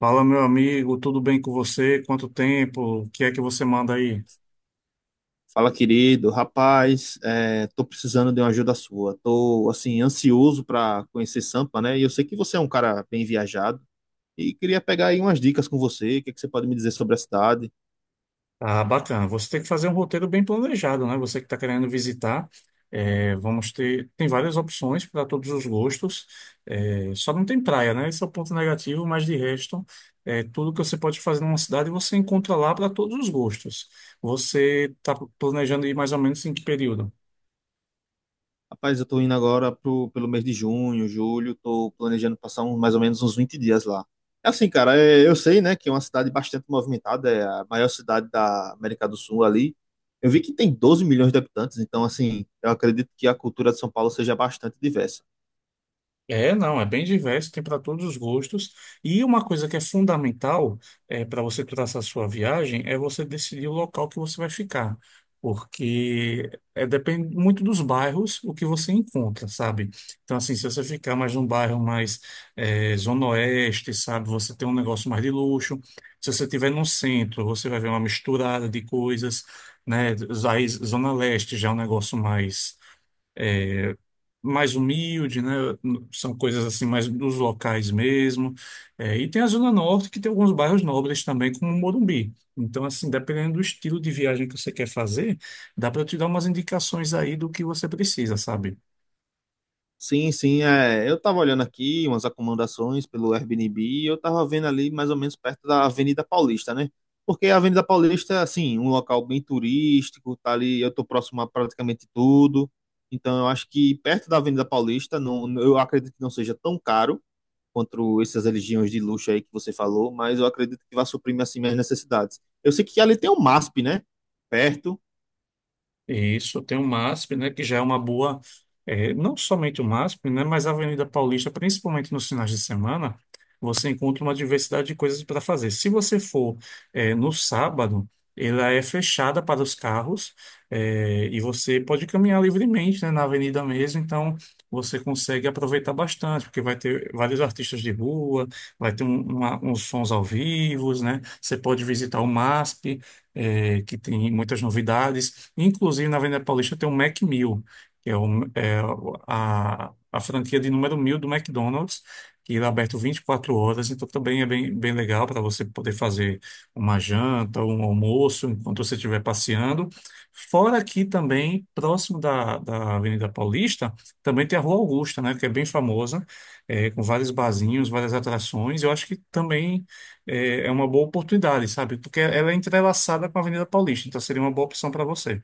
Fala, meu amigo, tudo bem com você? Quanto tempo? O que é que você manda aí? Fala, querido. Rapaz, tô precisando de uma ajuda sua. Tô, assim, ansioso para conhecer Sampa, né? E eu sei que você é um cara bem viajado e queria pegar aí umas dicas com você. O que é que você pode me dizer sobre a cidade? Ah, bacana. Você tem que fazer um roteiro bem planejado, né? Você que está querendo visitar, vamos ter. Tem várias opções para todos os gostos. É, só não tem praia, né? Esse é o ponto negativo, mas de resto, tudo que você pode fazer numa cidade você encontra lá para todos os gostos. Você está planejando ir mais ou menos em que período? Rapaz, eu tô indo agora pelo mês de junho, julho. Tô planejando passar mais ou menos uns 20 dias lá. É assim, cara, eu sei, né, que é uma cidade bastante movimentada. É a maior cidade da América do Sul ali. Eu vi que tem 12 milhões de habitantes, então, assim, eu acredito que a cultura de São Paulo seja bastante diversa. É, não, é bem diverso, tem para todos os gostos. E uma coisa que é fundamental para você traçar sua viagem é você decidir o local que você vai ficar, porque depende muito dos bairros o que você encontra, sabe? Então, assim, se você ficar mais num bairro mais zona oeste, sabe, você tem um negócio mais de luxo. Se você estiver no centro, você vai ver uma misturada de coisas, né? Aí, zona leste já é um negócio mais humilde, né? São coisas assim mais dos locais mesmo. É, e tem a Zona Norte que tem alguns bairros nobres também, como Morumbi. Então, assim, dependendo do estilo de viagem que você quer fazer, dá para te dar umas indicações aí do que você precisa, sabe? Sim, sim, é. Eu tava olhando aqui umas acomodações pelo Airbnb e eu tava vendo ali mais ou menos perto da Avenida Paulista, né? Porque a Avenida Paulista é assim, um local bem turístico, tá ali, eu tô próximo a praticamente tudo. Então eu acho que perto da Avenida Paulista, não, eu acredito que não seja tão caro quanto essas religiões de luxo aí que você falou, mas eu acredito que vai suprir assim minhas necessidades. Eu sei que ali tem o MASP, né? Perto. Isso, tem o MASP, né, que já é uma boa, não somente o MASP, né, mas a Avenida Paulista, principalmente nos finais de semana, você encontra uma diversidade de coisas para fazer. Se você for, no sábado, ela é fechada para os carros, e você pode caminhar livremente, né, na avenida mesmo, então você consegue aproveitar bastante, porque vai ter vários artistas de rua, vai ter uns sons ao vivo, né, você pode visitar o MASP, que tem muitas novidades. Inclusive, na Avenida Paulista tem o Mac 1000, que é, é a franquia de número 1000 do McDonald's, que ele é aberto 24 horas, então também é bem, bem legal para você poder fazer uma janta, um almoço, enquanto você estiver passeando. Fora aqui também, próximo da Avenida Paulista, também tem a Rua Augusta, né, que é bem famosa, é, com vários barzinhos, várias atrações. Eu acho que também é uma boa oportunidade, sabe? Porque ela é entrelaçada com a Avenida Paulista, então seria uma boa opção para você.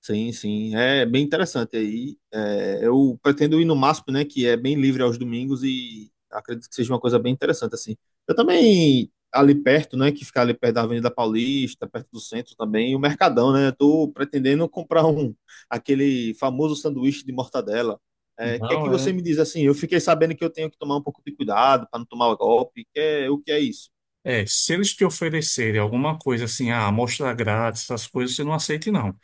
Sim, sim, é bem interessante aí. É, eu pretendo ir no MASP, né, que é bem livre aos domingos e acredito que seja uma coisa bem interessante assim. Eu também ali perto, né, que fica ali perto da Avenida Paulista, perto do centro também, o Mercadão, né? Eu tô pretendendo comprar um aquele famoso sanduíche de mortadela. É, o que é que Não é. você me diz assim? Eu fiquei sabendo que eu tenho que tomar um pouco de cuidado para não tomar golpe. Que o que é isso? É, se eles te oferecerem alguma coisa assim, ah, amostra grátis, essas coisas, você não aceite, não.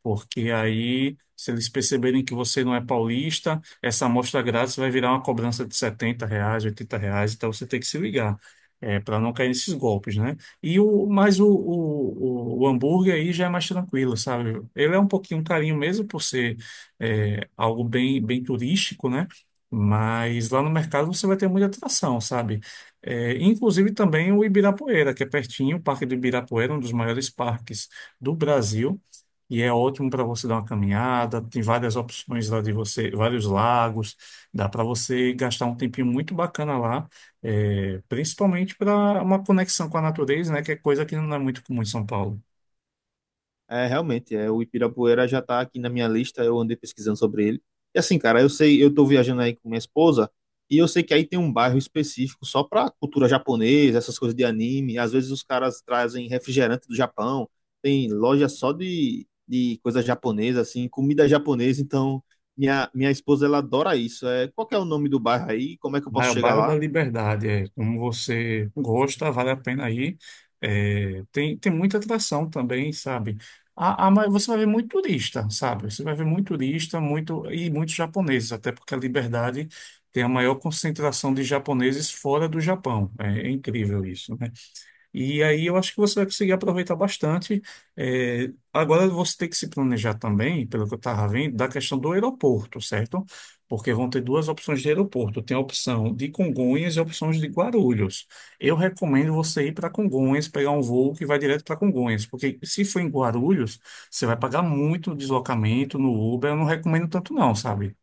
Porque aí, se eles perceberem que você não é paulista, essa amostra grátis vai virar uma cobrança de R$ 70, R$ 80, então você tem que se ligar, para não cair nesses golpes, né? Mas o hambúrguer aí já é mais tranquilo, sabe? Ele é um pouquinho um carinho mesmo por ser algo bem, bem turístico, né? Mas lá no mercado você vai ter muita atração, sabe? É, inclusive também o Ibirapuera, que é pertinho, o Parque do Ibirapuera, um dos maiores parques do Brasil. E é ótimo para você dar uma caminhada, tem várias opções lá de você, vários lagos, dá para você gastar um tempinho muito bacana lá, principalmente para uma conexão com a natureza, né, que é coisa que não é muito comum em São Paulo. É, realmente, é, o Ibirapuera já tá aqui na minha lista, eu andei pesquisando sobre ele. E assim, cara, eu sei, eu tô viajando aí com minha esposa, e eu sei que aí tem um bairro específico só pra cultura japonesa, essas coisas de anime. Às vezes os caras trazem refrigerante do Japão, tem loja só de coisa japonesa, assim, comida japonesa. Então, minha esposa, ela adora isso. É, qual que é o nome do bairro aí? Como é que eu Ah, posso é o chegar bairro da lá? Liberdade, é. Como você gosta, vale a pena ir. É, tem muita atração também, sabe? Você vai ver muito turista, sabe? Você vai ver muito turista, muito e muitos japoneses, até porque a Liberdade tem a maior concentração de japoneses fora do Japão. É, é incrível isso, né? E aí eu acho que você vai conseguir aproveitar bastante. É, agora você tem que se planejar também, pelo que eu estava vendo, da questão do aeroporto, certo? Porque vão ter duas opções de aeroporto. Tem a opção de Congonhas e a opção de Guarulhos. Eu recomendo você ir para Congonhas, pegar um voo que vai direto para Congonhas, porque se for em Guarulhos, você vai pagar muito deslocamento no Uber. Eu não recomendo tanto não, sabe?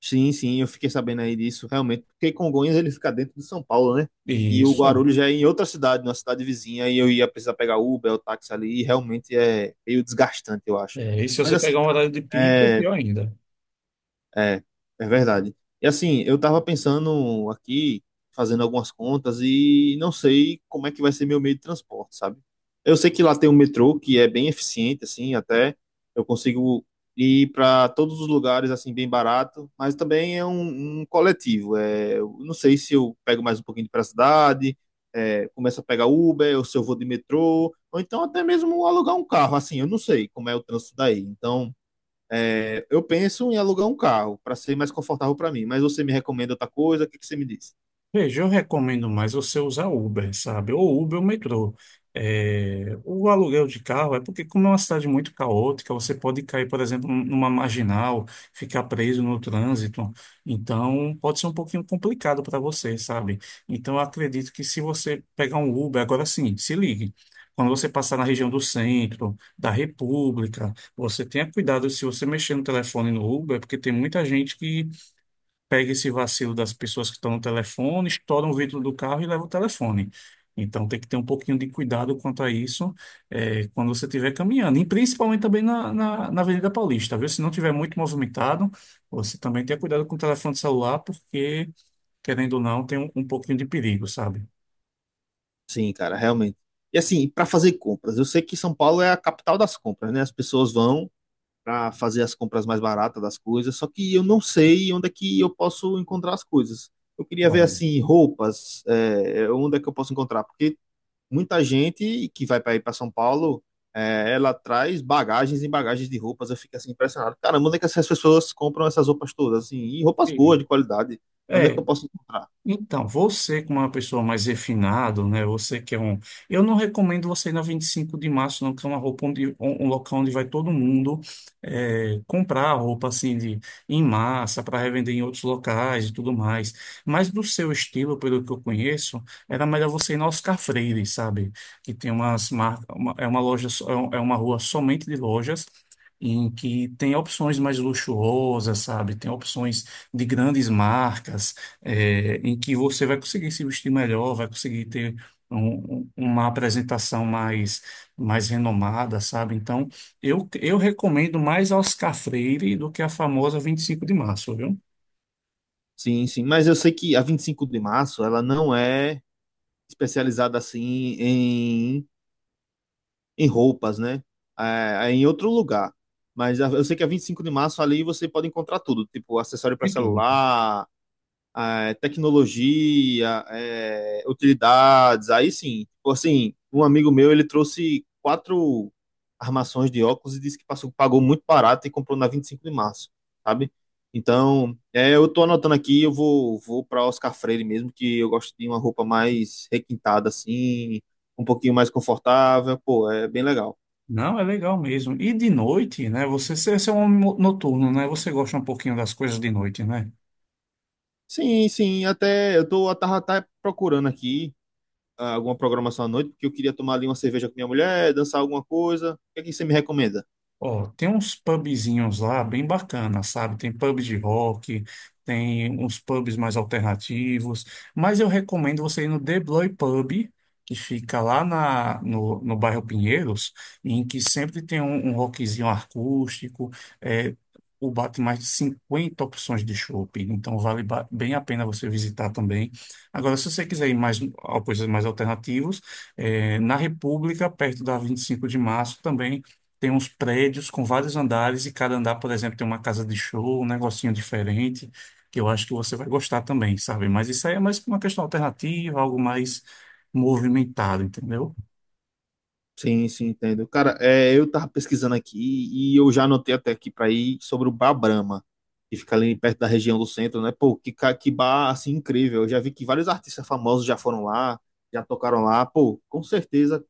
Sim, sim, eu fiquei sabendo aí disso, realmente, porque Congonhas ele fica dentro de São Paulo, né? E o Isso. Guarulhos já é em outra cidade, numa cidade vizinha, e eu ia precisar pegar Uber ou táxi ali, e realmente é meio desgastante, eu acho. É, e se Mas você assim, pegar um horário cara, de pico, pior ainda. é, é verdade. E assim, eu tava pensando aqui, fazendo algumas contas, e não sei como é que vai ser meu meio de transporte, sabe? Eu sei que lá tem um metrô que é bem eficiente, assim, até eu consigo ir para todos os lugares, assim, bem barato, mas também é um coletivo. É, eu não sei se eu pego mais um pouquinho para a cidade, começo a pegar Uber, ou se eu vou de metrô, ou então até mesmo alugar um carro, assim, eu não sei como é o trânsito daí. Então. É, eu penso em alugar um carro para ser mais confortável para mim, mas você me recomenda outra coisa? O que que você me diz? Veja, eu recomendo mais você usar Uber, sabe? Ou Uber ou metrô. É, o aluguel de carro é porque, como é uma cidade muito caótica, você pode cair, por exemplo, numa marginal, ficar preso no trânsito. Então, pode ser um pouquinho complicado para você, sabe? Então, eu acredito que se você pegar um Uber, agora sim, se ligue. Quando você passar na região do centro, da República, você tenha cuidado se você mexer no telefone no Uber, porque tem muita gente que pega esse vacilo das pessoas que estão no telefone, estoura o vidro do carro e leva o telefone. Então tem que ter um pouquinho de cuidado quanto a isso quando você estiver caminhando, e principalmente também na Avenida Paulista, viu? Se não tiver muito movimentado, você também tenha cuidado com o telefone celular, porque, querendo ou não, tem um pouquinho de perigo, sabe? Sim, cara, realmente. E assim, para fazer compras, eu sei que São Paulo é a capital das compras, né? As pessoas vão para fazer as compras mais baratas das coisas, só que eu não sei onde é que eu posso encontrar as coisas. Eu queria ver Pronto. assim roupas, é, onde é que eu posso encontrar, porque muita gente que vai para ir para São Paulo, é, ela traz bagagens e bagagens de roupas. Eu fico assim impressionado. Caramba, onde é que essas pessoas compram essas roupas todas? Assim, e roupas boas, de qualidade. Onde é que É, eu posso encontrar? então, você como uma pessoa mais refinada, né? Você que é um... Eu não recomendo você ir na 25 de março, não, que é uma roupa onde... Um local onde vai todo mundo comprar roupa, assim, de... em massa, para revender em outros locais e tudo mais. Mas do seu estilo, pelo que eu conheço, era melhor você ir na Oscar Freire, sabe? Que tem umas marcas... Uma... É uma loja... É é uma rua somente de lojas, em que tem opções mais luxuosas, sabe? Tem opções de grandes marcas, é, em que você vai conseguir se vestir melhor, vai conseguir ter uma apresentação mais, mais renomada, sabe? Então, eu recomendo mais a Oscar Freire do que a famosa 25 de março, viu? Sim, sim. Mas eu sei que a 25 de Março, ela não é especializada assim em, em roupas, né? É, é em outro lugar. Mas a- eu sei que a 25 de março ali você pode encontrar tudo, tipo acessório para De tudo. celular, é, tecnologia, é, utilidades, aí sim. Tipo assim, um amigo meu, ele trouxe quatro armações de óculos e disse que passou, pagou muito barato e comprou na 25 de Março, sabe? Então, é, eu tô anotando aqui, vou para Oscar Freire mesmo, que eu gosto de uma roupa mais requintada assim, um pouquinho mais confortável, pô, é bem legal. Não, é legal mesmo. E de noite, né? Você é um homem noturno, né? Você gosta um pouquinho das coisas de noite, né? Sim, sim, até eu tô eu tava até procurando aqui alguma programação à noite, porque eu queria tomar ali uma cerveja com minha mulher, dançar alguma coisa. O que é que você me recomenda? Ó, tem uns pubzinhos lá bem bacanas, sabe? Tem pub de rock, tem uns pubs mais alternativos, mas eu recomendo você ir no The Bloy Pub, que fica lá na, no, no bairro Pinheiros, em que sempre tem um rockzinho acústico, é, o bar tem mais de 50 opções de chopp, então vale bem a pena você visitar também. Agora, se você quiser ir mais a coisas mais alternativas, é, na República, perto da 25 de março também, tem uns prédios com vários andares e cada andar, por exemplo, tem uma casa de show, um negocinho diferente, que eu acho que você vai gostar também, sabe? Mas isso aí é mais uma questão alternativa, algo mais movimentado, entendeu? Sim, sim, entendo. Cara, é, eu tava pesquisando aqui e eu já anotei até aqui para ir sobre o Bar Brahma, que fica ali perto da região do centro, né? Pô, que bar, assim, incrível. Eu já vi que vários artistas famosos já foram lá, já tocaram lá. Pô, com certeza,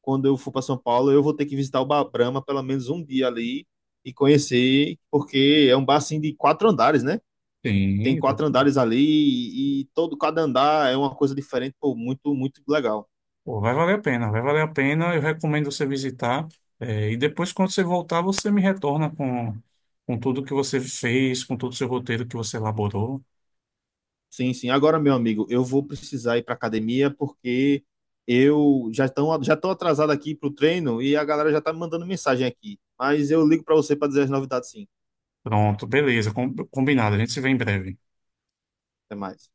quando eu for para São Paulo, eu vou ter que visitar o Bar Brahma pelo menos um dia ali e conhecer, porque é um bar, assim, de quatro andares, né? Sim, Tem exato. quatro andares ali e todo cada andar é uma coisa diferente, pô, muito, muito legal. Pô, vai valer a pena, vai valer a pena. Eu recomendo você visitar. É, e depois, quando você voltar, você me retorna com tudo que você fez, com todo o seu roteiro que você elaborou. Sim, sim. Agora, meu amigo, eu vou precisar ir para academia porque eu já estão atrasado aqui pro treino e a galera já tá me mandando mensagem aqui. Mas eu ligo para você para dizer as novidades, sim. Pronto, beleza, combinado. A gente se vê em breve. Até mais.